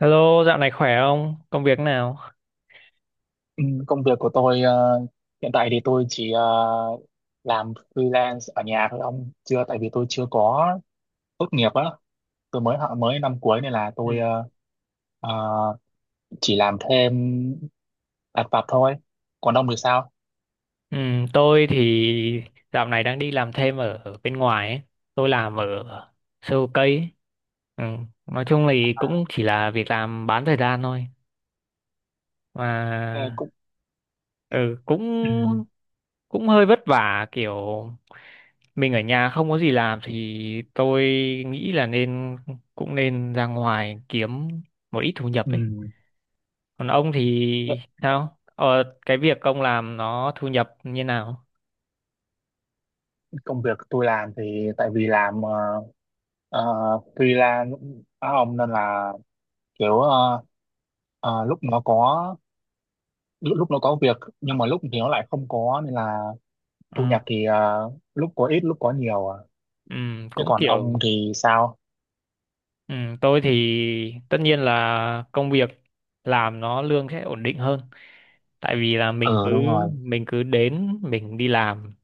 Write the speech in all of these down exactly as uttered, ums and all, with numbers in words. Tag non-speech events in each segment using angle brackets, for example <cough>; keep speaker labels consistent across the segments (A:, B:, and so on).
A: Hello, dạo này khỏe không? Công việc nào?
B: Ừ, công việc của tôi ờ, hiện tại thì tôi chỉ ờ, làm freelance ở nhà thôi ông, chưa tại vì tôi chưa có tốt nghiệp á. Tôi mới họ mới năm cuối nên là
A: Ừ.
B: tôi ờ, ờ, chỉ làm thêm lặt vặt thôi. Còn ông thì sao?
A: Ừ, tôi thì dạo này đang đi làm thêm ở, ở bên ngoài ấy. Tôi làm ở sale cây ấy. Ừ, nói chung thì cũng chỉ là việc làm bán thời gian thôi.
B: Ờ,
A: Mà
B: cũng
A: ừ,
B: ừ,
A: cũng cũng hơi vất vả kiểu mình ở nhà không có gì làm thì tôi nghĩ là nên cũng nên ra ngoài kiếm một ít thu nhập
B: ừ.
A: ấy. Còn ông thì sao? Ờ, cái việc ông làm nó thu nhập như nào?
B: Hiện công việc tôi làm thì tại vì làm ờ, ờ, freelance á ông, nên là kiểu ờ, ờ, lúc nó có lúc, lúc nó có việc, nhưng mà lúc thì nó lại không có, nên là thu
A: Ờ,
B: nhập thì à, lúc có ít lúc có nhiều à.
A: ừm,
B: Thế
A: cũng
B: còn
A: kiểu
B: ông thì sao?
A: ừm, tôi thì tất nhiên là công việc làm nó lương sẽ ổn định hơn. Tại vì là mình
B: Ừ,
A: cứ
B: đúng rồi.
A: mình cứ đến mình đi làm,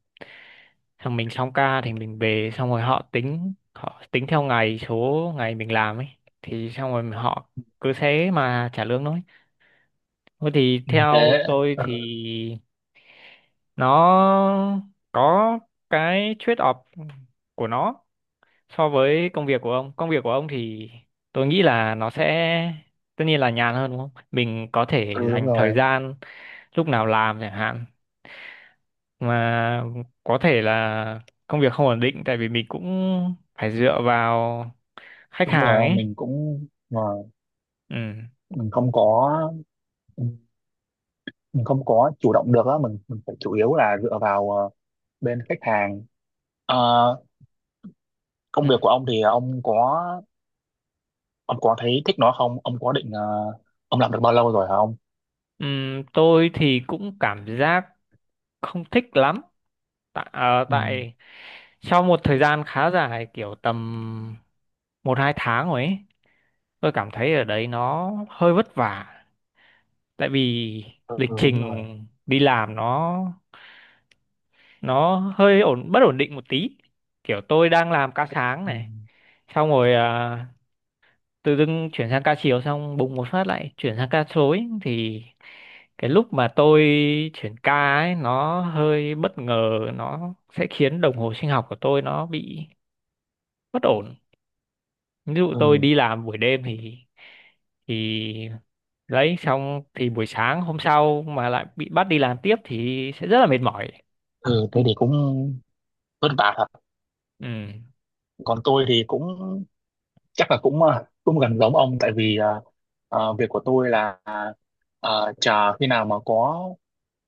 A: xong mình xong ca thì mình về, xong rồi họ tính họ tính theo ngày số ngày mình làm ấy, thì xong rồi họ cứ thế mà trả lương thôi. Thôi thì
B: Ừ, thế
A: theo tôi thì
B: ừ,
A: nó có cái trade-off của nó so với công việc của ông. Công việc của ông thì tôi nghĩ là nó sẽ tất nhiên là nhàn hơn đúng không? Mình có thể
B: ừ, đúng
A: dành thời
B: rồi,
A: gian lúc nào làm chẳng hạn. Mà có thể là công việc không ổn định tại vì mình cũng phải dựa vào khách
B: đúng
A: hàng
B: rồi ông.
A: ấy.
B: Mình cũng mà
A: Ừ.
B: mình không có mình không có chủ động được á, mình mình phải chủ yếu là dựa vào ờ, bên khách hàng. Ờ,
A: Ừ.
B: công việc của ông thì ông có ông có thấy thích nó không? Ông có định ờ, ông làm được bao lâu rồi hả ông?
A: Ừm, tôi thì cũng cảm giác không thích lắm tại, ờ,
B: Ừ,
A: tại sau một thời gian khá dài kiểu tầm một hai tháng rồi ấy tôi cảm thấy ở đấy nó hơi vất vả tại vì
B: ừ
A: lịch
B: đúng rồi.
A: trình đi làm nó nó hơi ổn bất ổn định một tí kiểu tôi đang làm ca sáng
B: Ừ,
A: này xong rồi ờ, tự dưng chuyển sang ca chiều xong bùng một phát lại chuyển sang ca rối thì cái lúc mà tôi chuyển ca ấy nó hơi bất ngờ nó sẽ khiến đồng hồ sinh học của tôi nó bị bất ổn ví dụ tôi
B: ừ,
A: đi làm buổi đêm thì thì đấy xong thì buổi sáng hôm sau mà lại bị bắt đi làm tiếp thì sẽ rất là mệt mỏi.
B: ừ, thế thì cũng vất vả thật.
A: Ừ.
B: Còn tôi thì cũng chắc là cũng ờ, cũng gần giống ông, tại vì ờ, ờ, việc của tôi là ờ, chờ khi nào mà có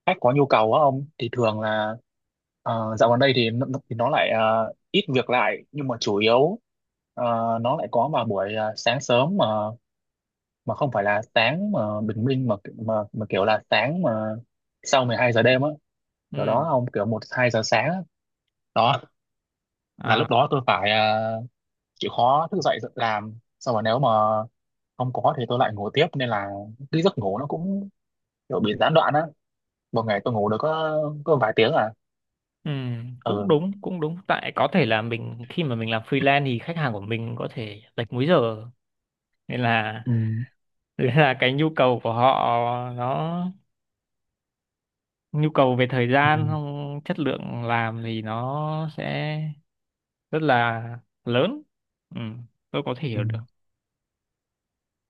B: khách có nhu cầu á ông, thì thường là ờ, dạo gần đây thì nó, nó- thì nó lại ờ, ít việc lại, nhưng mà chủ yếu ờ, nó lại có vào buổi ờ, sáng sớm, mà mà không phải là sáng mà bình minh, mà mà mà kiểu là sáng mà sau mười hai giờ đêm á, kiểu đó
A: Ừ.
B: ông, kiểu một hai giờ sáng á. Đó là
A: À.
B: lúc đó tôi phải ờ, chịu khó thức dậy làm, xong rồi nếu mà không có thì tôi lại ngủ tiếp, nên là cái giấc ngủ nó cũng kiểu bị gián đoạn á. Một ngày tôi ngủ được có có vài tiếng à.
A: Ừ, cũng
B: Ừ.
A: đúng cũng đúng tại có thể là mình khi mà mình làm freelance thì khách hàng của mình có thể lệch múi giờ nên là
B: Ừ.
A: đấy là cái nhu cầu của họ nó nhu cầu về thời
B: Ừ.
A: gian không chất lượng làm thì nó sẽ rất là lớn. Ừ, tôi có thể
B: Ừ.
A: hiểu được.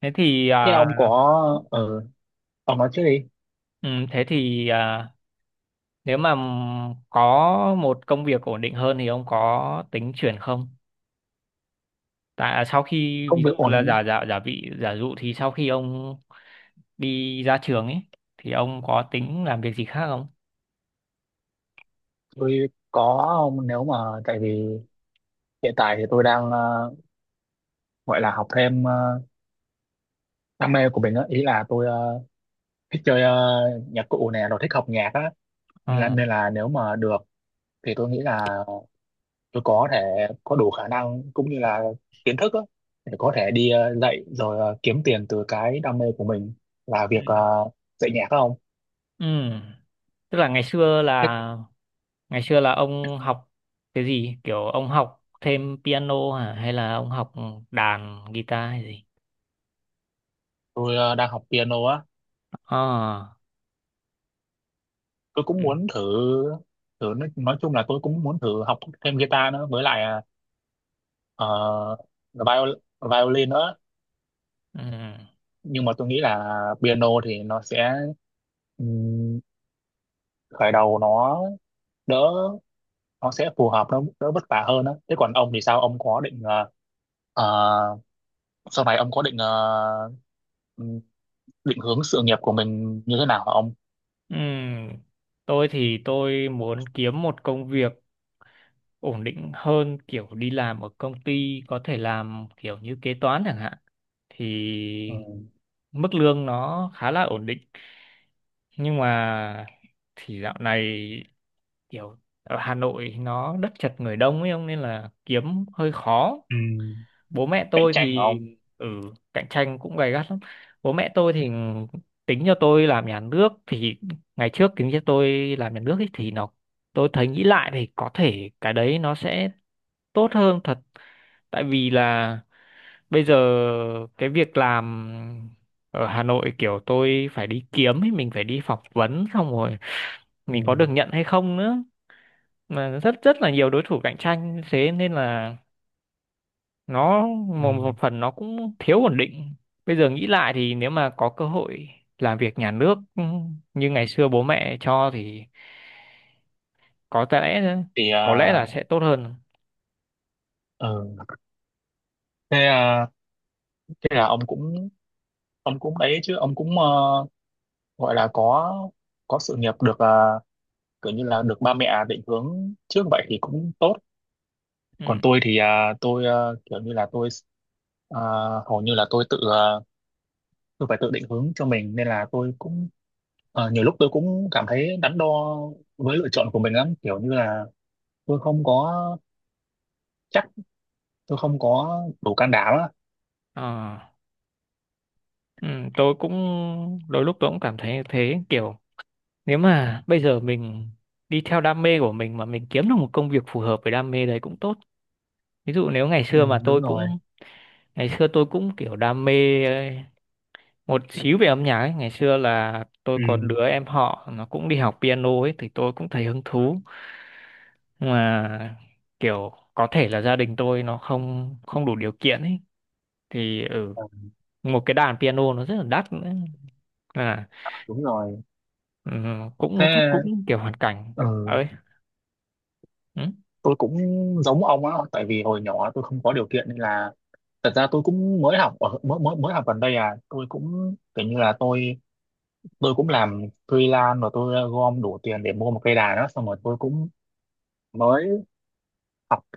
A: thế thì
B: Thế
A: à,
B: ông có ừ. Ông nói trước đi.
A: ừ, thế thì à, nếu mà có một công việc ổn định hơn thì ông có tính chuyển không tại à, sau khi
B: Công
A: ví dụ
B: việc
A: là
B: ổn.
A: giả giả giả vị giả dụ thì sau khi ông đi ra trường ấy thì ông có tính làm việc gì khác không?
B: Tôi có ông, nếu mà tại vì hiện tại thì tôi đang ờ, gọi là học thêm ờ, đam mê của mình á, ý là tôi ờ, thích chơi ờ, nhạc cụ nè, rồi thích học nhạc á, nên là, nên là nếu mà được thì tôi nghĩ là tôi có thể có đủ khả năng cũng như là kiến thức á, để có thể đi ờ, dạy, rồi ờ, kiếm tiền từ cái đam mê của mình, là
A: Ừ.
B: việc ờ, dạy nhạc không?
A: Ừ. Tức là ngày xưa
B: Thế
A: là ngày xưa là ông học cái gì? Kiểu ông học thêm piano hả? Hay là ông học đàn, guitar hay gì?
B: tôi ờ, đang học piano á.
A: À.
B: Tôi
A: Ừ.
B: cũng muốn thử thử nói, nói chung là tôi cũng muốn thử học thêm guitar nữa, với lại ờ, ờ, viol, violin nữa.
A: Ừ.
B: Nhưng mà tôi nghĩ là piano thì nó sẽ ừm, khởi đầu nó đỡ, nó sẽ phù hợp, nó đỡ vất vả hơn á. Thế còn ông thì sao? Ông có định ờ, ờ, sau này ông có định ờ, ừm, định hướng sự nghiệp của mình như thế nào hả ông?
A: Ừ. Tôi thì tôi muốn kiếm một công việc ổn định hơn kiểu đi làm ở công ty có thể làm kiểu như kế toán chẳng hạn thì
B: Ừ,
A: mức lương nó khá là ổn định nhưng mà thì dạo này kiểu ở Hà Nội nó đất chật người đông ấy ông nên là kiếm hơi khó
B: ừ,
A: bố mẹ
B: cạnh
A: tôi
B: tranh hả
A: thì
B: ông?
A: ừ cạnh tranh cũng gay gắt lắm bố mẹ tôi thì tính cho tôi làm nhà nước thì ngày trước tính cho tôi làm nhà nước ấy, thì nó tôi thấy nghĩ lại thì có thể cái đấy nó sẽ tốt hơn thật tại vì là bây giờ cái việc làm ở Hà Nội kiểu tôi phải đi kiếm ấy mình phải đi phỏng vấn xong rồi
B: Ừ,
A: mình có được nhận hay không nữa mà rất rất là nhiều đối thủ cạnh tranh thế nên là nó
B: ừ.
A: một, một phần nó cũng thiếu ổn định bây giờ nghĩ lại thì nếu mà có cơ hội làm việc nhà nước ừ, như ngày xưa bố mẹ cho thì có lẽ
B: Thì ờ,
A: có lẽ là sẽ tốt hơn.
B: ừ. Thế ờ, thế là ông cũng ông cũng đấy chứ, ông cũng ờ, gọi là có có sự nghiệp được ờ, kiểu như là được ba mẹ định hướng trước vậy thì cũng tốt.
A: Ừ.
B: Còn tôi thì ờ, tôi ờ, kiểu như là tôi ờ, hầu như là tôi tự ờ, tôi phải tự định hướng cho mình, nên là tôi cũng ờ, nhiều lúc tôi cũng cảm thấy đắn đo với lựa chọn của mình lắm, kiểu như là tôi không có chắc, tôi không có đủ can đảm á.
A: Ờ. Ừ. Tôi cũng đôi lúc tôi cũng cảm thấy như thế kiểu nếu mà bây giờ mình đi theo đam mê của mình mà mình kiếm được một công việc phù hợp với đam mê đấy cũng tốt ví dụ nếu ngày
B: Ừ,
A: xưa mà tôi
B: đúng rồi.
A: cũng ngày xưa tôi cũng kiểu đam mê một xíu về âm nhạc ấy. Ngày xưa là tôi
B: Ừ.
A: có đứa em họ nó cũng đi học piano ấy thì tôi cũng thấy hứng thú nhưng mà kiểu có thể là gia đình tôi nó không không đủ điều kiện ấy thì ừ,
B: ờ,
A: một cái đàn piano nó rất là đắt nữa. À.
B: Đúng rồi.
A: Ừ, cũng chắc
B: Thế
A: cũng kiểu hoàn cảnh
B: ừ,
A: ấy. Ừ.
B: tôi cũng giống ông á, tại vì hồi nhỏ tôi không có điều kiện, nên là thật ra tôi cũng mới học ở mới mới mới học gần đây à. Tôi cũng kiểu như là tôi tôi cũng làm freelance, và tôi gom đủ tiền để mua một cây đàn đó, xong rồi tôi cũng mới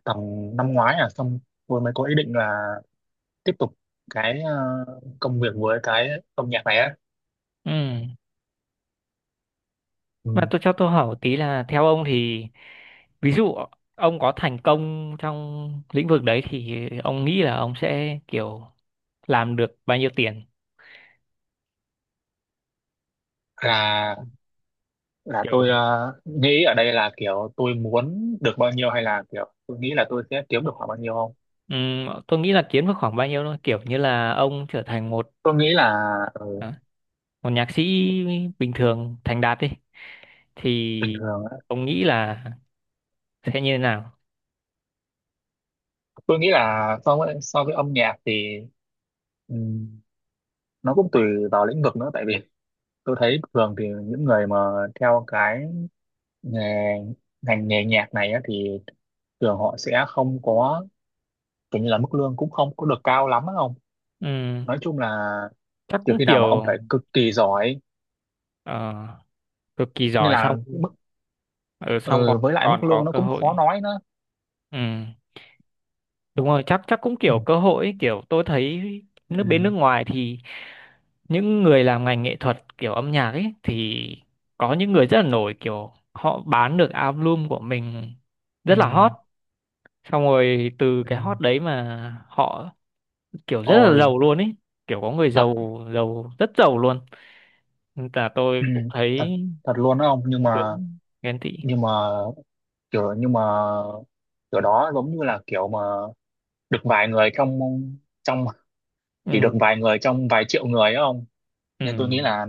B: tầm năm ngoái à. Xong tôi mới có ý định là tiếp tục cái ờ, công việc với cái âm nhạc này á.
A: Ừ. Mà
B: Ừ.
A: tôi cho tôi hỏi một tí là theo ông thì ví dụ ông có thành công trong lĩnh vực đấy thì ông nghĩ là ông sẽ kiểu làm được bao nhiêu tiền
B: là là
A: kiểu?
B: tôi ờ, nghĩ ở đây là kiểu tôi muốn được bao nhiêu, hay là kiểu tôi nghĩ là tôi sẽ kiếm được khoảng bao nhiêu không?
A: Ừm, tôi nghĩ là kiếm được khoảng bao nhiêu thôi kiểu như là ông trở thành một
B: Tôi nghĩ là ừ,
A: à, một nhạc sĩ bình thường thành đạt đi
B: bình
A: thì
B: thường á.
A: ông nghĩ là sẽ như thế nào?
B: Tôi nghĩ là so với so với âm nhạc thì ừm, nó cũng tùy vào lĩnh vực nữa, tại vì tôi thấy thường thì những người mà theo cái nghề ngành nghề nhạc này á, thì thường họ sẽ không có, kiểu như là mức lương cũng không có được cao lắm á ông.
A: Ừm,
B: Nói chung là
A: chắc
B: trừ
A: cũng
B: khi nào
A: kiểu
B: mà ông phải cực kỳ giỏi,
A: ờ, cực kỳ
B: nên
A: giỏi
B: là
A: xong
B: mức
A: ở xong còn
B: ờ, với lại
A: còn
B: mức
A: có
B: lương nó
A: cơ
B: cũng
A: hội.
B: khó nói nữa.
A: Ừm, đúng
B: Nó-
A: rồi chắc chắc cũng
B: ừ,
A: kiểu cơ hội ấy, kiểu tôi thấy
B: ừ,
A: nước bên nước ngoài thì những người làm ngành nghệ thuật kiểu âm nhạc ấy thì có những người rất là nổi kiểu họ bán được album của mình
B: ừ,
A: rất là hot xong rồi từ
B: ừ.
A: cái hot đấy mà họ kiểu rất là
B: Ôi
A: giàu luôn ấy kiểu có người
B: thật.
A: giàu giàu rất giàu luôn. Nên là tôi
B: Ừ,
A: cũng
B: thật
A: thấy
B: thật luôn đó ông, nhưng mà
A: hướng ghen tị.
B: nhưng mà kiểu nhưng mà kiểu đó giống như là kiểu mà được vài người trong trong chỉ
A: ừ,
B: được vài người trong vài triệu người á ông,
A: ừ,
B: nên tôi nghĩ là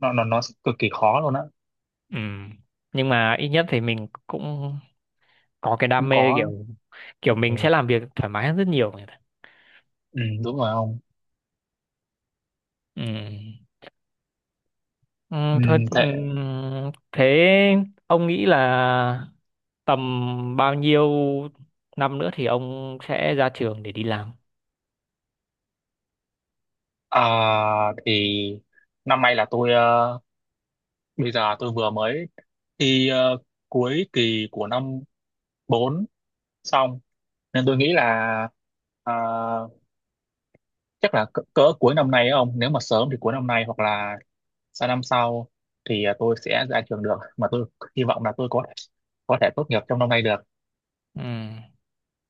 B: nó nó nó cực kỳ khó luôn á.
A: ừ. Nhưng mà ít nhất thì mình cũng có cái
B: Không
A: đam mê
B: có.
A: kiểu kiểu
B: Ừ,
A: mình sẽ làm việc thoải mái hơn rất nhiều người ta.
B: ừ, đúng rồi ông.
A: Ừ. Ừ,
B: Ừ,
A: thôi ừ,
B: thế.
A: thế ông nghĩ là tầm bao nhiêu năm nữa thì ông sẽ ra trường để đi làm?
B: À, thì năm nay là tôi ờ, bây giờ tôi vừa mới thi ờ, cuối kỳ của năm bốn xong, nên tôi nghĩ là ờ, chắc là cỡ, cỡ cuối năm nay ấy ông, nếu mà sớm thì cuối năm nay hoặc là sang năm sau thì ờ, tôi sẽ ra trường được, mà tôi hy vọng là tôi có có thể tốt nghiệp trong năm nay được.
A: Ừ.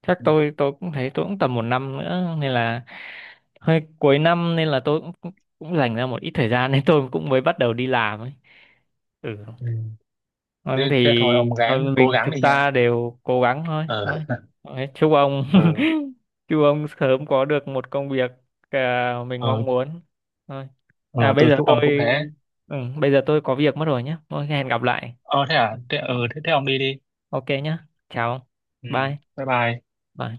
A: chắc
B: Ừ.
A: tôi tôi cũng thấy tôi cũng tầm một năm nữa nên là hơi cuối năm nên là tôi cũng cũng cũng dành ra một ít thời gian <laughs> nên tôi cũng mới bắt đầu đi làm ấy. Ừ.
B: Ừ. Thế,
A: Vâng, thì
B: thế thôi ông
A: thôi
B: gắng cố
A: mình
B: gắng
A: chúng
B: đi nha.
A: ta đều cố gắng thôi
B: ờ
A: thôi. Thôi, chúc ông
B: ờ
A: <laughs> chúc ông sớm có được một công việc à, mình
B: ờ
A: mong muốn thôi.
B: ờ,
A: À bây
B: tôi
A: giờ
B: chúc ông cũng
A: tôi
B: thế.
A: ừ, bây giờ tôi có việc mất rồi nhé thôi hẹn gặp lại.
B: Ờ, thế à?
A: Ừ.
B: Thế ờ thế, thế ông đi đi.
A: Ok nhé, chào,
B: Ừ,
A: bye
B: bye bye.
A: bye.